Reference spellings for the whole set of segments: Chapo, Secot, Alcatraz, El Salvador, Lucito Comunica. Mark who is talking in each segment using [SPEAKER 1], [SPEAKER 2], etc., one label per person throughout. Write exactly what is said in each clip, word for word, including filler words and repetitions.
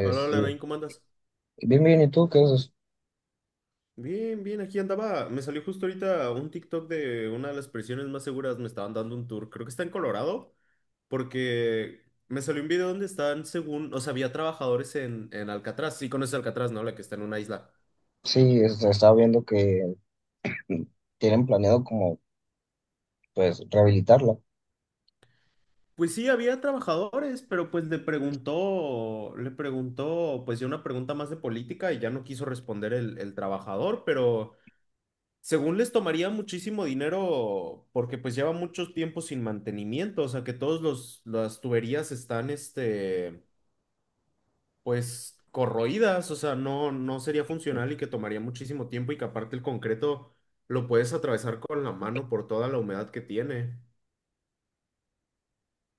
[SPEAKER 1] Hola, hola, Nain, ¿cómo andas?
[SPEAKER 2] Bien, bien, ¿y tú qué haces?
[SPEAKER 1] Bien, bien, aquí andaba. Me salió justo ahorita un TikTok de una de las prisiones más seguras. Me estaban dando un tour. Creo que está en Colorado, porque me salió un video donde están, según, o sea, había trabajadores en, en Alcatraz. Sí, conoces Alcatraz, ¿no? La que está en una isla.
[SPEAKER 2] Sí, este, estaba viendo que tienen planeado como, pues, rehabilitarla.
[SPEAKER 1] Pues sí, había trabajadores, pero pues le preguntó, le preguntó, pues ya una pregunta más de política y ya no quiso responder el, el trabajador, pero. Según les tomaría muchísimo dinero porque pues lleva mucho tiempo sin mantenimiento, o sea que todos los las tuberías están este pues corroídas, o sea, no no sería funcional y que tomaría muchísimo tiempo y que aparte el concreto lo puedes atravesar con la mano por toda la humedad que tiene.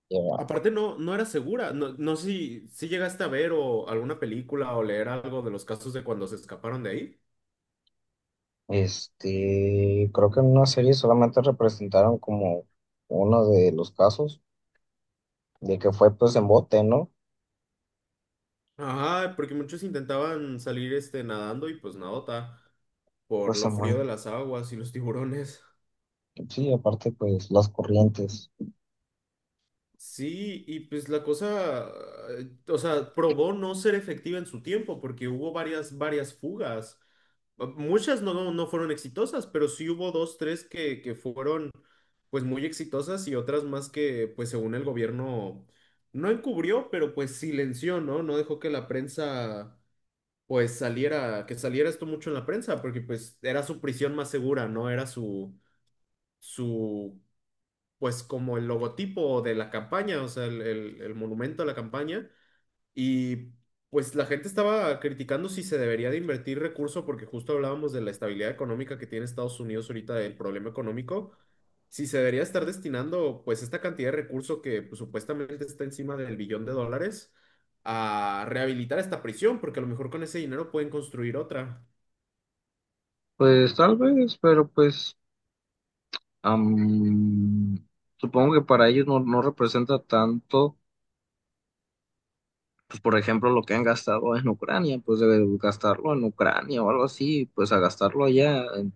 [SPEAKER 2] Ya.
[SPEAKER 1] Aparte no no era segura, no no sé si si llegaste a ver o alguna película o leer algo de los casos de cuando se escaparon de ahí.
[SPEAKER 2] Este, creo que en una serie solamente representaron como uno de los casos de que fue, pues, en bote, ¿no?
[SPEAKER 1] Ajá, porque muchos intentaban salir este nadando y pues nadota por
[SPEAKER 2] Pues,
[SPEAKER 1] lo frío de
[SPEAKER 2] en
[SPEAKER 1] las aguas y los tiburones.
[SPEAKER 2] Sí, aparte, pues, las corrientes.
[SPEAKER 1] Sí, y pues la cosa, eh, o sea, probó no ser efectiva en su tiempo porque hubo varias, varias fugas. Ah, muchas no, no fueron exitosas, pero sí hubo dos, tres que, que fueron pues muy exitosas y otras más que pues según el gobierno no encubrió, pero pues silenció, ¿no? No dejó que la prensa pues saliera, que saliera esto mucho en la prensa, porque pues era su prisión más segura, ¿no? Era su, su, pues como el logotipo de la campaña, o sea, el, el- el monumento a la campaña, y pues la gente estaba criticando si se debería de invertir recursos porque justo hablábamos de la estabilidad económica que tiene Estados Unidos ahorita, del problema económico, si se debería estar destinando pues esta cantidad de recursos que pues, supuestamente está encima del billón de dólares a rehabilitar esta prisión, porque a lo mejor con ese dinero pueden construir otra.
[SPEAKER 2] Pues, tal vez, pero pues, am, supongo que para ellos no, no representa tanto, pues por ejemplo, lo que han gastado en Ucrania, pues de gastarlo en Ucrania o algo así, pues a gastarlo allá, en,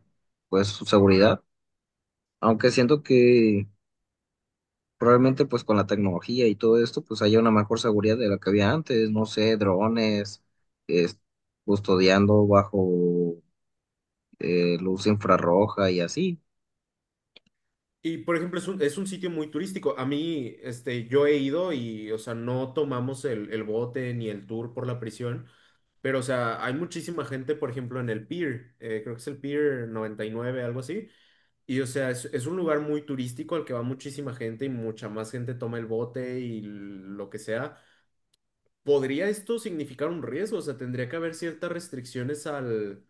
[SPEAKER 2] pues su seguridad. Aunque siento que probablemente pues con la tecnología y todo esto, pues haya una mejor seguridad de la que había antes, no sé, drones, es- custodiando bajo eh, luz infrarroja y así.
[SPEAKER 1] Y por ejemplo, es un, es un sitio muy turístico. A mí, este, yo he ido y, o sea, no tomamos el, el bote ni el tour por la prisión. Pero, o sea, hay muchísima gente, por ejemplo, en el Pier, eh, creo que es el Pier noventa y nueve, algo así. Y, o sea, es, es un lugar muy turístico al que va muchísima gente y mucha más gente toma el bote y lo que sea. ¿Podría esto significar un riesgo? O sea, tendría que haber ciertas restricciones al,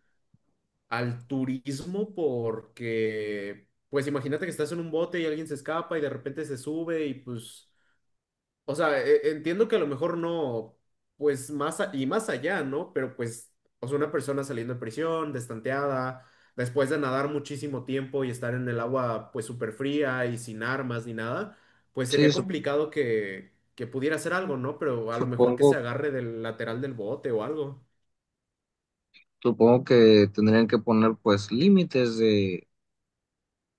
[SPEAKER 1] al turismo porque, pues imagínate que estás en un bote y alguien se escapa y de repente se sube y pues o sea, e- e, entiendo que a lo mejor no, pues más a- y más allá, ¿no? Pero pues, o sea, una persona saliendo de prisión, destanteada, después de nadar muchísimo tiempo y estar en el agua pues súper fría y sin armas ni nada, pues
[SPEAKER 2] Sí,
[SPEAKER 1] sería
[SPEAKER 2] sup-
[SPEAKER 1] complicado que, que pudiera hacer algo, ¿no? Pero a lo mejor que se
[SPEAKER 2] supongo,
[SPEAKER 1] agarre del lateral del bote o algo.
[SPEAKER 2] supongo que tendrían que poner pues límites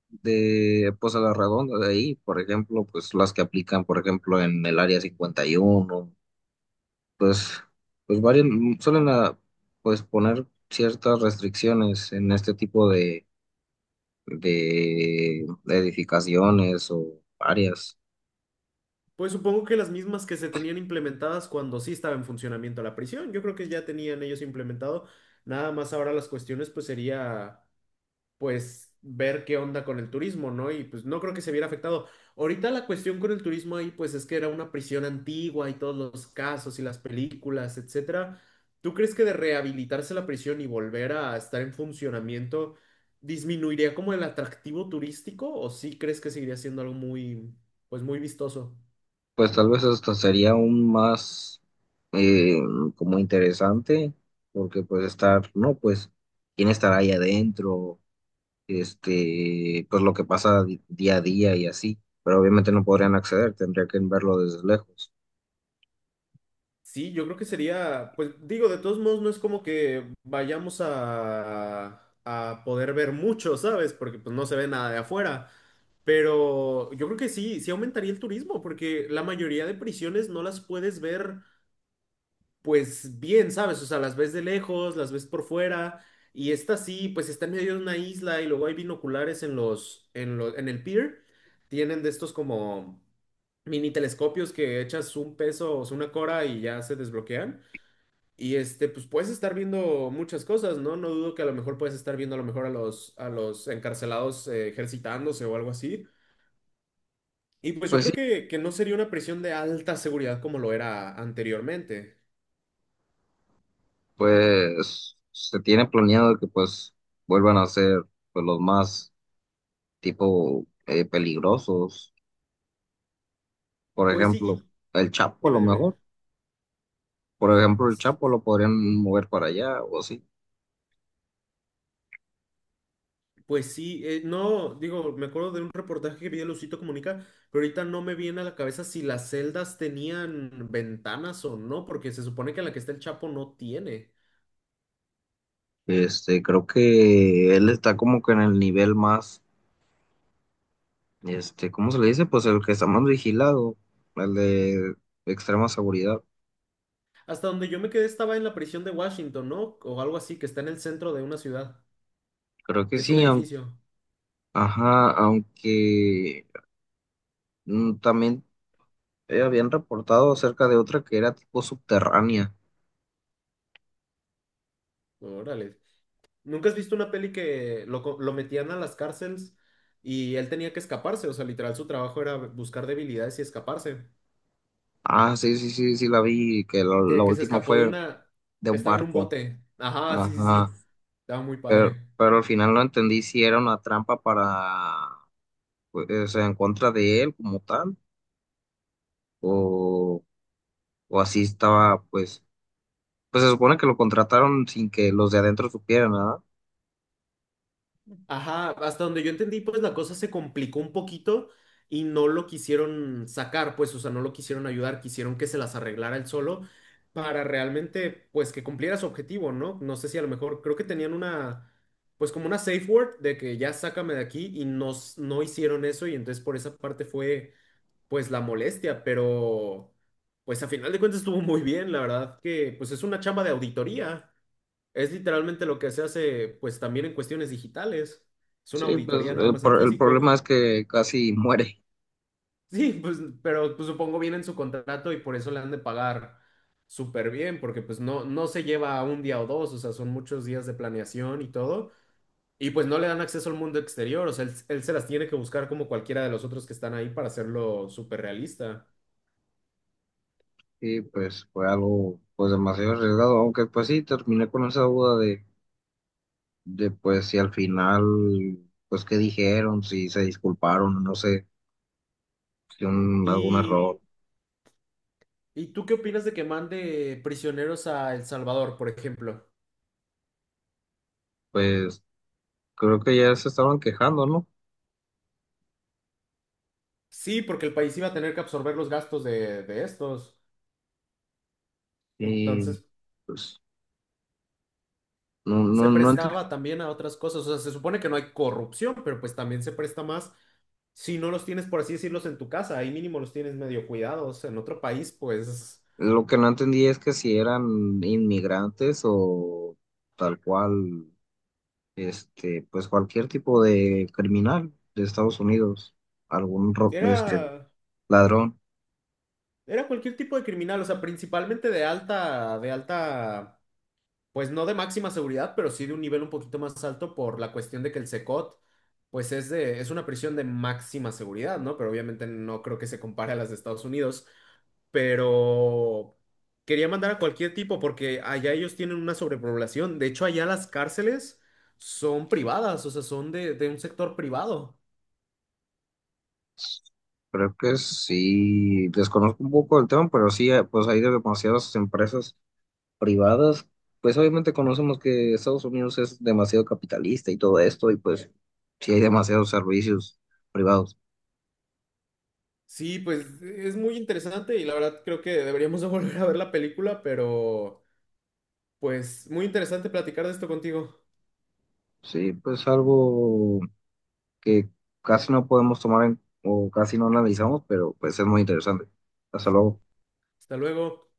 [SPEAKER 2] de pues a la redonda de ahí, por ejemplo, pues las que aplican, por ejemplo, en el área cincuenta y uno, pues pues varios suelen ah, pues poner ciertas restricciones en este tipo de de edificaciones o áreas.
[SPEAKER 1] Pues supongo que las mismas que se tenían implementadas cuando sí estaba en funcionamiento la prisión, yo creo que ya tenían ellos implementado, nada más ahora las cuestiones pues sería pues ver qué onda con el turismo, ¿no? Y pues no creo que se viera afectado. Ahorita la cuestión con el turismo ahí, pues es que era una prisión antigua y todos los casos y las películas, etcétera. ¿Tú crees que de rehabilitarse la prisión y volver a estar en funcionamiento disminuiría como el atractivo turístico o sí crees que seguiría siendo algo muy, pues muy vistoso?
[SPEAKER 2] Pues tal vez esto sería aún más eh, como interesante, porque pues estar, no, pues quién estará ahí adentro, este, pues lo que pasa di- día a día y así, pero obviamente no podrían acceder, tendría que verlo desde lejos.
[SPEAKER 1] Sí, yo creo que sería, pues digo, de todos modos no es como que vayamos a, a poder ver mucho, ¿sabes? Porque pues no se ve nada de afuera. Pero yo creo que sí, sí aumentaría el turismo, porque la mayoría de prisiones no las puedes ver pues bien, ¿sabes? O sea, las ves de lejos, las ves por fuera, y esta sí, pues está en medio de una isla y luego hay binoculares en los, en lo- en el pier, tienen de estos como mini telescopios que echas un peso o sea, una cora y ya se desbloquean. Y este, pues puedes estar viendo muchas cosas, ¿no? No dudo que a lo mejor puedes estar viendo a lo mejor a los, a los encarcelados eh, ejercitándose o algo así. Y pues yo
[SPEAKER 2] Pues sí,
[SPEAKER 1] creo que, que no sería una prisión de alta seguridad como lo era anteriormente.
[SPEAKER 2] pues se tiene planeado que pues vuelvan a ser pues los más tipo eh, peligrosos, por
[SPEAKER 1] Pues sí, y
[SPEAKER 2] ejemplo, el Chapo a lo
[SPEAKER 1] dime, dime.
[SPEAKER 2] mejor, por ejemplo, el Chapo lo podrían mover para allá o así.
[SPEAKER 1] Pues sí, eh, no, digo, me acuerdo de un reportaje que vi de Lucito Comunica, pero ahorita no me viene a la cabeza si las celdas tenían ventanas o no, porque se supone que la que está el Chapo no tiene.
[SPEAKER 2] Este, creo que él está como que en el nivel más, este, ¿cómo se le dice? Pues el que está más vigilado, el de extrema seguridad.
[SPEAKER 1] Hasta donde yo me quedé estaba en la prisión de Washington, ¿no? O algo así, que está en el centro de una ciudad,
[SPEAKER 2] Creo que
[SPEAKER 1] que es un
[SPEAKER 2] sí, aun-
[SPEAKER 1] edificio.
[SPEAKER 2] ajá, aunque mm, también eh, habían reportado acerca de otra que era tipo subterránea.
[SPEAKER 1] Órale. ¿Nunca has visto una peli que lo, co- lo metían a las cárceles y él tenía que escaparse? O sea, literal, su trabajo era buscar debilidades y escaparse.
[SPEAKER 2] Ah, sí, sí, sí, sí, la vi, que la, la
[SPEAKER 1] Que, que se
[SPEAKER 2] última
[SPEAKER 1] escapó de
[SPEAKER 2] fue
[SPEAKER 1] una...
[SPEAKER 2] de un
[SPEAKER 1] Estaba en un
[SPEAKER 2] barco.
[SPEAKER 1] bote. Ajá, sí, sí, sí.
[SPEAKER 2] Ajá,
[SPEAKER 1] Estaba muy
[SPEAKER 2] pero,
[SPEAKER 1] padre.
[SPEAKER 2] pero al final no entendí si era una trampa para, pues, o sea, en contra de él como tal, o, o así estaba, pues, pues se supone que lo contrataron sin que los de adentro supieran, ¿verdad?
[SPEAKER 1] Ajá, hasta donde yo entendí, pues la cosa se complicó un poquito y no lo quisieron sacar, pues, o sea, no lo quisieron ayudar, quisieron que se las arreglara él solo para realmente, pues, que cumpliera su objetivo, ¿no? No sé si a lo mejor, creo que tenían una, pues, como una safe word de que ya sácame de aquí y no, s- no hicieron eso y entonces por esa parte fue, pues, la molestia, pero, pues, a final de cuentas estuvo muy bien, la verdad que, pues, es una chamba de auditoría. Es literalmente lo que se hace, pues también en cuestiones digitales. Es una
[SPEAKER 2] Sí, pues
[SPEAKER 1] auditoría nada
[SPEAKER 2] el,
[SPEAKER 1] más en
[SPEAKER 2] pro- el problema
[SPEAKER 1] físico.
[SPEAKER 2] es que casi muere.
[SPEAKER 1] Sí, pues, pero pues, supongo viene en su contrato y por eso le han de pagar súper bien, porque pues no, no se lleva un día o dos, o sea, son muchos días de planeación y todo. Y pues no le dan acceso al mundo exterior, o sea, él, él se las tiene que buscar como cualquiera de los otros que están ahí para hacerlo súper realista.
[SPEAKER 2] Y pues fue algo pues demasiado arriesgado, aunque pues sí, terminé con esa duda de, de pues si al final, pues qué dijeron, si se disculparon, no sé, si un, algún
[SPEAKER 1] ¿Y,
[SPEAKER 2] error,
[SPEAKER 1] y tú qué opinas de que mande prisioneros a El Salvador, por ejemplo?
[SPEAKER 2] pues creo que ya se estaban quejando, ¿no?
[SPEAKER 1] Sí, porque el país iba a tener que absorber los gastos de, de estos.
[SPEAKER 2] Y
[SPEAKER 1] Entonces,
[SPEAKER 2] pues no, no,
[SPEAKER 1] se
[SPEAKER 2] no ent-
[SPEAKER 1] prestaba también a otras cosas. O sea, se supone que no hay corrupción, pero pues también se presta más si no los tienes, por así decirlos, en tu casa. Ahí mínimo los tienes medio cuidados. En otro país, pues,
[SPEAKER 2] lo que no entendí es que si eran inmigrantes o tal cual, este, pues cualquier tipo de criminal de Estados Unidos, algún ro- este,
[SPEAKER 1] era,
[SPEAKER 2] ladrón.
[SPEAKER 1] era cualquier tipo de criminal. O sea, principalmente de alta, de alta pues no de máxima seguridad, pero sí de un nivel un poquito más alto por la cuestión de que el Secot, pues es de, es una prisión de máxima seguridad, ¿no? Pero obviamente no creo que se compare a las de Estados Unidos, pero quería mandar a cualquier tipo porque allá ellos tienen una sobrepoblación. De hecho, allá las cárceles son privadas, o sea, son de, de un sector privado.
[SPEAKER 2] Creo que sí, desconozco un poco el tema, pero sí, eh, pues hay demasiadas empresas privadas. Pues obviamente conocemos que Estados Unidos es demasiado capitalista y todo esto, y pues sí hay demasiados servicios privados.
[SPEAKER 1] Sí, pues es muy interesante y la verdad creo que deberíamos de volver a ver la película, pero pues muy interesante platicar de esto contigo.
[SPEAKER 2] Sí, pues algo que casi no podemos tomar en, o casi no analizamos, pero pues es muy interesante. Hasta luego.
[SPEAKER 1] Hasta luego.